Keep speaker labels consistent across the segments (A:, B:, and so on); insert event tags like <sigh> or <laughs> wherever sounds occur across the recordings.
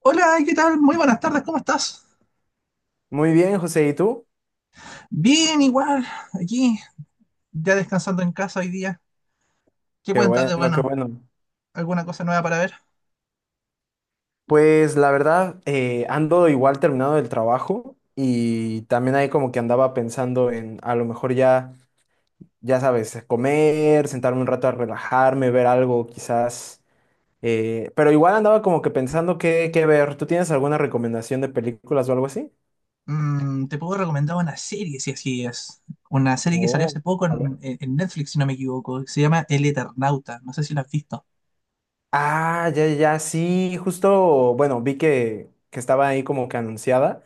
A: Hola, ¿qué tal? Muy buenas tardes, ¿cómo estás?
B: Muy bien, José, ¿y tú?
A: Bien, igual, aquí, ya descansando en casa hoy día. ¿Qué
B: Qué
A: cuentas de
B: bueno, qué
A: bueno?
B: bueno.
A: ¿Alguna cosa nueva para ver?
B: Pues la verdad, ando igual terminado del trabajo y también ahí como que andaba pensando en a lo mejor ya, ya sabes, comer, sentarme un rato a relajarme, ver algo quizás, pero igual andaba como que pensando qué ver. ¿Tú tienes alguna recomendación de películas o algo así?
A: Mm, te puedo recomendar una serie, si así es. Una serie que salió
B: Oh,
A: hace poco
B: a ver.
A: Netflix, si no me equivoco, que se llama El Eternauta. No sé si la has visto.
B: Ah, ya, sí, justo, bueno, vi que estaba ahí como que anunciada.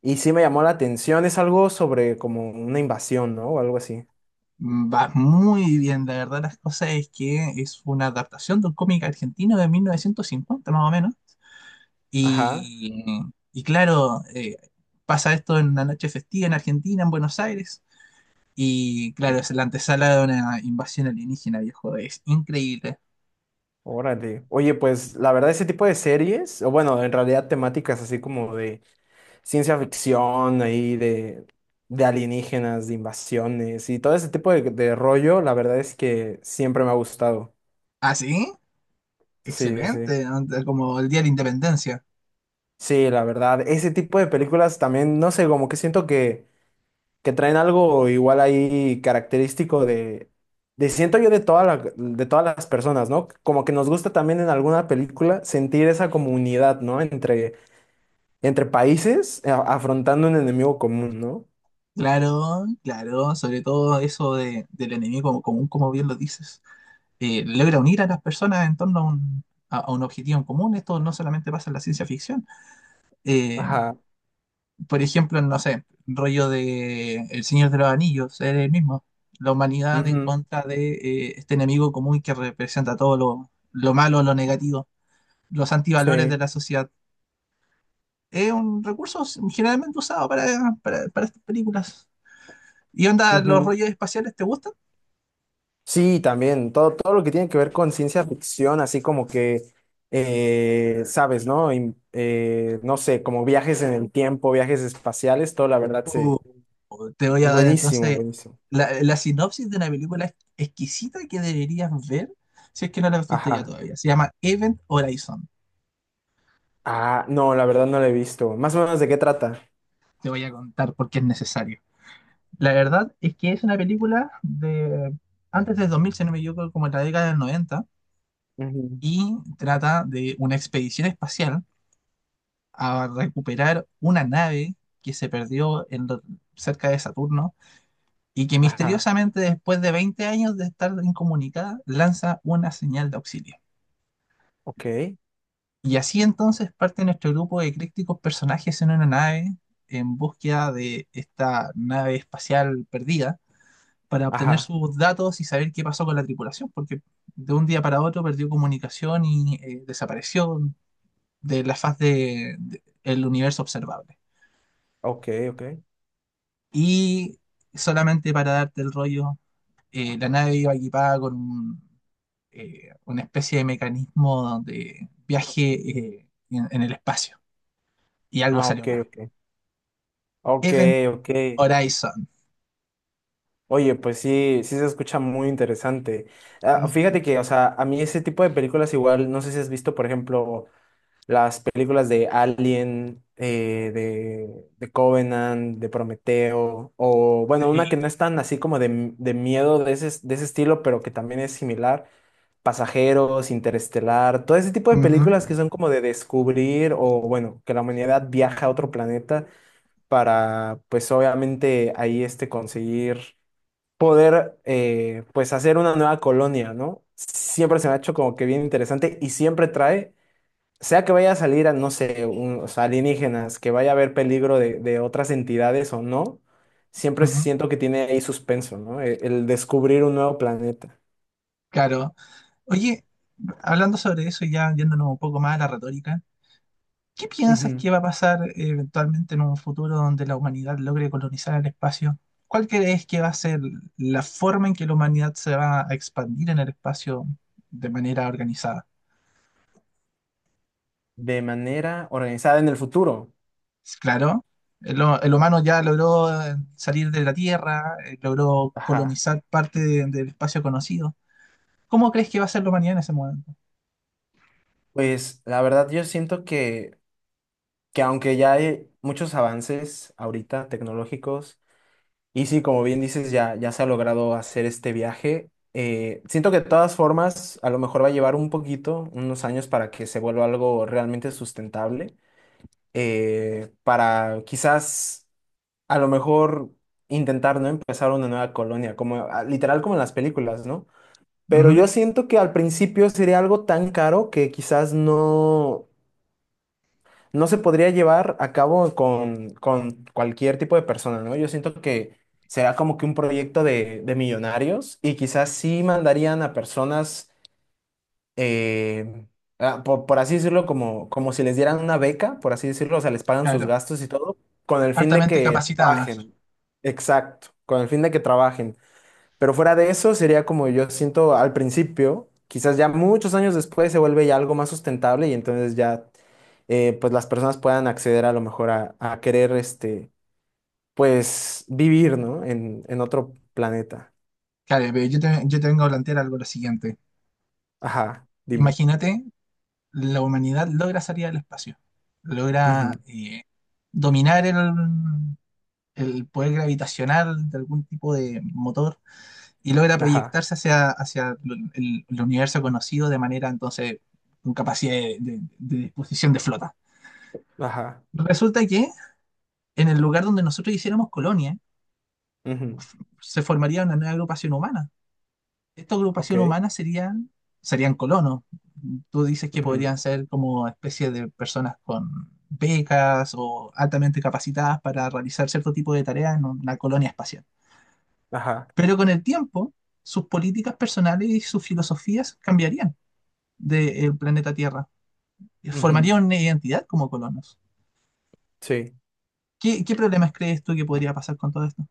B: Y sí me llamó la atención, es algo sobre como una invasión, ¿no? O algo así.
A: Mm, va muy bien, la verdad, las cosas es que es una adaptación de un cómic argentino de 1950, más o menos.
B: Ajá,
A: Y, y claro, pasa esto en una noche festiva en Argentina, en Buenos Aires. Y claro, es la antesala de una invasión alienígena, viejo. Es increíble.
B: órale. Oye, pues la verdad ese tipo de series, o bueno, en realidad temáticas así como de ciencia ficción, ahí de alienígenas, de invasiones y todo ese tipo de rollo, la verdad es que siempre me ha gustado.
A: ¿Ah, sí?
B: Sí, sí.
A: Excelente, ¿no? Como el Día de la Independencia.
B: Sí, la verdad, ese tipo de películas también, no sé, como que siento que traen algo igual ahí característico de siento yo de toda la- de todas las personas, ¿no? Como que nos gusta también en alguna película sentir esa comunidad, ¿no? Entre, entre países a- afrontando un enemigo común, ¿no?
A: Claro, claro. Sobre todo eso del enemigo común, como bien lo dices. Logra unir a las personas en torno a a un objetivo en común. Esto no solamente pasa en la ciencia ficción. Eh,
B: Ajá.
A: por ejemplo, no sé, rollo de El Señor de los Anillos, es el mismo. La humanidad en
B: Ujú.
A: contra de, este enemigo común que representa todo lo malo, lo negativo, los antivalores de
B: Sí.
A: la sociedad. Es un recurso generalmente usado para estas películas. ¿Y onda, los
B: Ujú.
A: rollos espaciales te gustan?
B: Sí, también. Todo, todo lo que tiene que ver con ciencia ficción, así como que, sabes, ¿no? No sé, como viajes en el tiempo, viajes espaciales, todo la verdad se...
A: O te voy
B: Es
A: a dar
B: buenísimo,
A: entonces
B: buenísimo.
A: la sinopsis de una película exquisita que deberías ver si es que no la has visto ya
B: Ajá.
A: todavía. Se llama Event Horizon.
B: Ah, no, la verdad no la he visto. Más o menos de qué trata.
A: Te voy a contar por qué es necesario. La verdad es que es una película de antes del 2000, si no me equivoco, como en la década del noventa,
B: Ujú.
A: y trata de una expedición espacial a recuperar una nave que se perdió cerca de Saturno y que
B: Ajá,
A: misteriosamente después de 20 años de estar incomunicada lanza una señal de auxilio.
B: ok,
A: Y así entonces parte nuestro grupo de críticos personajes en una nave en búsqueda de esta nave espacial perdida para obtener
B: ajá,
A: sus datos y saber qué pasó con la tripulación, porque de un día para otro perdió comunicación y, desapareció de la el universo observable.
B: ok, ok.
A: Y solamente para darte el rollo, la nave iba equipada con una especie de mecanismo de viaje, en el espacio. Y algo
B: Ah,
A: salió
B: ok,
A: mal.
B: ok. Ok,
A: Event
B: ok.
A: Horizon.
B: Oye, pues sí, sí se escucha muy interesante. Ah,
A: Mm,
B: fíjate que, o sea, a mí ese tipo de películas igual, no sé si has visto, por ejemplo, las películas de Alien, de Covenant, de Prometeo, o bueno, una que
A: sí.
B: no es tan así como de miedo de ese estilo, pero que también es similar. Pasajeros, Interestelar, todo ese tipo de
A: Ujú,
B: películas que son como de descubrir o bueno, que la humanidad viaja a otro planeta para pues obviamente ahí este conseguir poder pues hacer una nueva colonia, ¿no? Siempre se me ha hecho como que bien interesante y siempre trae sea que vaya a salir a, no sé, un- o sea, alienígenas, que vaya a haber peligro de otras entidades o no, siempre
A: ujú.
B: siento que tiene ahí suspenso, ¿no? E- el, descubrir un nuevo planeta.
A: Claro. Oye, hablando sobre eso, ya yéndonos un poco más a la retórica, ¿qué piensas
B: Ujú.
A: que va a pasar, eventualmente, en un futuro donde la humanidad logre colonizar el espacio? ¿Cuál crees que va a ser la forma en que la humanidad se va a expandir en el espacio de manera organizada?
B: De manera organizada en el futuro.
A: Claro, el humano ya logró, salir de la Tierra, logró
B: Ajá.
A: colonizar parte del espacio conocido. ¿Cómo crees que va a ser la humanidad en ese momento?
B: Pues la verdad yo siento que aunque ya hay muchos avances ahorita tecnológicos, y sí, como bien dices, ya se ha logrado hacer este viaje. Siento que de todas formas, a lo mejor va a llevar un poquito, unos años para que se vuelva algo realmente sustentable. Para quizás, a lo mejor, intentar, ¿no? Empezar una nueva colonia, como ah, literal como en las películas, ¿no? Pero
A: Ujú,
B: yo siento que al principio sería algo tan caro que quizás no, no se podría llevar a cabo con cualquier tipo de persona, ¿no? Yo siento que será como que un proyecto de millonarios y quizás sí mandarían a personas, eh, así decirlo, como, como si les dieran una beca, por así decirlo, o sea, les pagan sus
A: claro,
B: gastos y todo, con el fin de
A: altamente
B: que
A: capacitadas.
B: trabajen. Exacto, con el fin de que trabajen. Pero fuera de eso, sería como yo siento al principio, quizás ya muchos años después se vuelve ya algo más sustentable y entonces ya pues las personas puedan acceder a lo mejor a querer este, pues vivir, ¿no? En otro planeta.
A: Claro, pero yo te vengo a plantear algo lo siguiente.
B: Ajá, dime.
A: Imagínate, la humanidad logra salir al espacio,
B: Ujú,
A: logra, dominar el poder gravitacional de algún tipo de motor y logra
B: ajá,
A: proyectarse hacia, hacia el universo conocido de manera entonces con capacidad de disposición de flota.
B: ajá.
A: Resulta que en el lugar donde nosotros hiciéramos colonia,
B: Ujú,
A: se formaría una nueva agrupación humana. Esta
B: ok.
A: agrupación humana serían, serían colonos. Tú dices que
B: Ujú,
A: podrían ser como especie de personas con becas o altamente capacitadas para realizar cierto tipo de tareas en una colonia espacial.
B: ajá.
A: Pero con el tiempo, sus políticas personales y sus filosofías cambiarían del planeta Tierra.
B: Ujú,
A: Formarían una identidad como colonos.
B: sí.
A: ¿Qué, qué problemas crees tú que podría pasar con todo esto?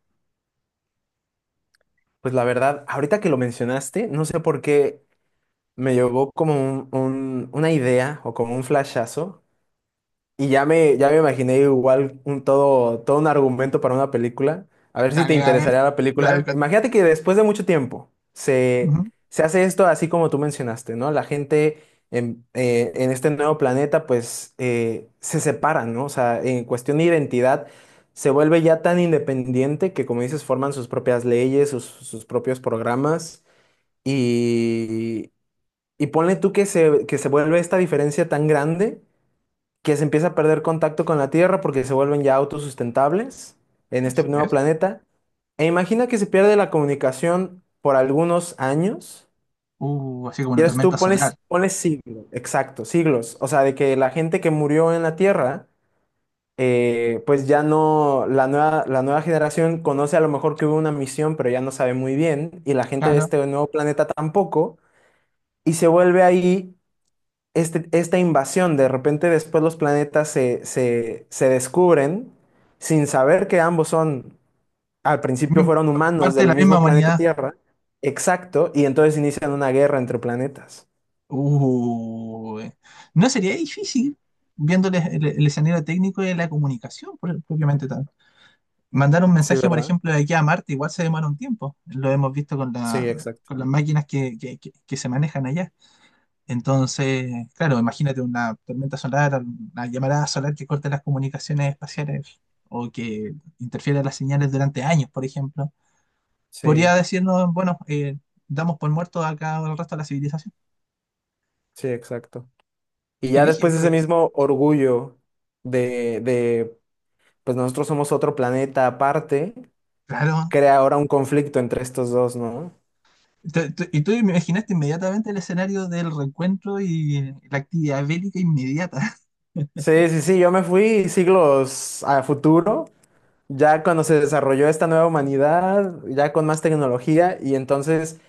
B: Pues la verdad, ahorita que lo mencionaste, no sé por qué me llegó como un- una idea o como un flashazo. Y ya me imaginé igual un todo, todo un argumento para una película. A ver si te
A: Dale, a ver.
B: interesaría la
A: Dale,
B: película.
A: con-
B: Imagínate que después de mucho tiempo se,
A: Ujú,
B: se hace esto así como tú mencionaste, ¿no? La gente en este nuevo planeta pues se separa, ¿no? O sea, en cuestión de identidad se vuelve ya tan independiente que como dices forman sus propias leyes, sus, sus propios programas y, y ponle tú que se vuelve esta diferencia tan grande que se empieza a perder contacto con la Tierra porque se vuelven ya autosustentables en este
A: Así
B: nuevo
A: es.
B: planeta. E imagina que se pierde la comunicación por algunos años.
A: Así como una
B: Quieres tú,
A: tormenta solar.
B: pones, pones siglos, exacto, siglos. O sea, de que la gente que murió en la Tierra, pues ya no, la nueva generación conoce a lo mejor que hubo una misión, pero ya no sabe muy bien, y la gente de
A: Claro.
B: este nuevo planeta tampoco, y se vuelve ahí este- esta invasión, de repente después los planetas se descubren sin saber que ambos son, al principio fueron humanos
A: Parte de
B: del
A: la misma
B: mismo planeta
A: humanidad.
B: Tierra, exacto, y entonces inician una guerra entre planetas.
A: Uy, no sería difícil, viéndoles el escenario técnico y la comunicación propiamente tal. Mandar un
B: Sí,
A: mensaje, por
B: ¿verdad?
A: ejemplo, de aquí a Marte, igual se demora un tiempo. Lo hemos visto con
B: Sí, exacto.
A: con las máquinas que se manejan allá. Entonces, claro, imagínate una tormenta solar, una llamarada solar que corte las comunicaciones espaciales o que interfiera las señales durante años, por ejemplo. Podría
B: Sí,
A: decirnos, bueno, damos por muerto acá el resto de la civilización.
B: sí, exacto. Y
A: ¿Qué
B: ya
A: dije?
B: después ese
A: Pues,
B: mismo orgullo de, pues nosotros somos otro planeta aparte,
A: claro.
B: crea ahora un conflicto entre estos dos, ¿no?
A: Y tú imaginaste inmediatamente el escenario del reencuentro y la actividad bélica inmediata. <laughs>
B: Sí, sí, sí, yo me fui siglos a futuro ya cuando se desarrolló esta nueva humanidad, ya con más tecnología, y entonces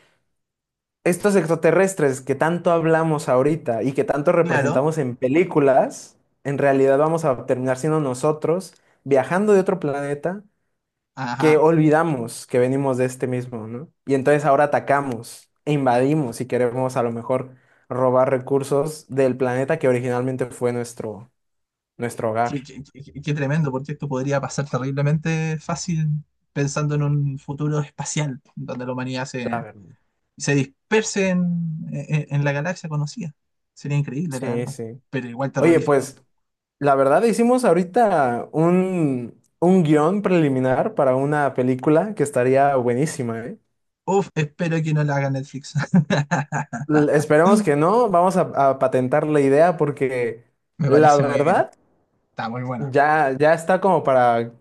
B: estos extraterrestres que tanto hablamos ahorita y que tanto
A: Claro,
B: representamos en películas, en realidad vamos a terminar siendo nosotros viajando de otro planeta que
A: ajá.
B: olvidamos que venimos de este mismo, ¿no? Y entonces ahora atacamos e invadimos y queremos a lo mejor robar recursos del planeta que originalmente fue nuestro, nuestro hogar.
A: Qué tremendo, porque esto podría pasar terriblemente fácil pensando en un futuro espacial, donde la humanidad se,
B: La verdad.
A: se disperse en la galaxia conocida. Sería increíble, la
B: Sí,
A: verdad,
B: sí.
A: pero igual
B: Oye,
A: terrorífico.
B: pues la verdad, hicimos ahorita un guión preliminar para una película que estaría buenísima, ¿eh?
A: Uf, espero que no la haga Netflix.
B: L- Esperemos
A: <laughs>
B: que no, vamos a patentar la idea porque
A: Me
B: la
A: parece muy bien.
B: verdad
A: Está muy buena.
B: ya, ya está como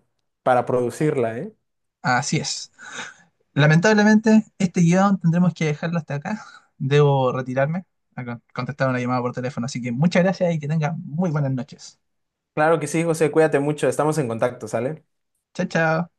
B: para producirla, ¿eh?
A: Así es. Lamentablemente, este guión tendremos que dejarlo hasta acá. <laughs> Debo retirarme a contestar una llamada por teléfono, así que muchas gracias y que tengan muy buenas noches.
B: Claro que sí, José, cuídate mucho, estamos en contacto, ¿sale?
A: Chao, chao.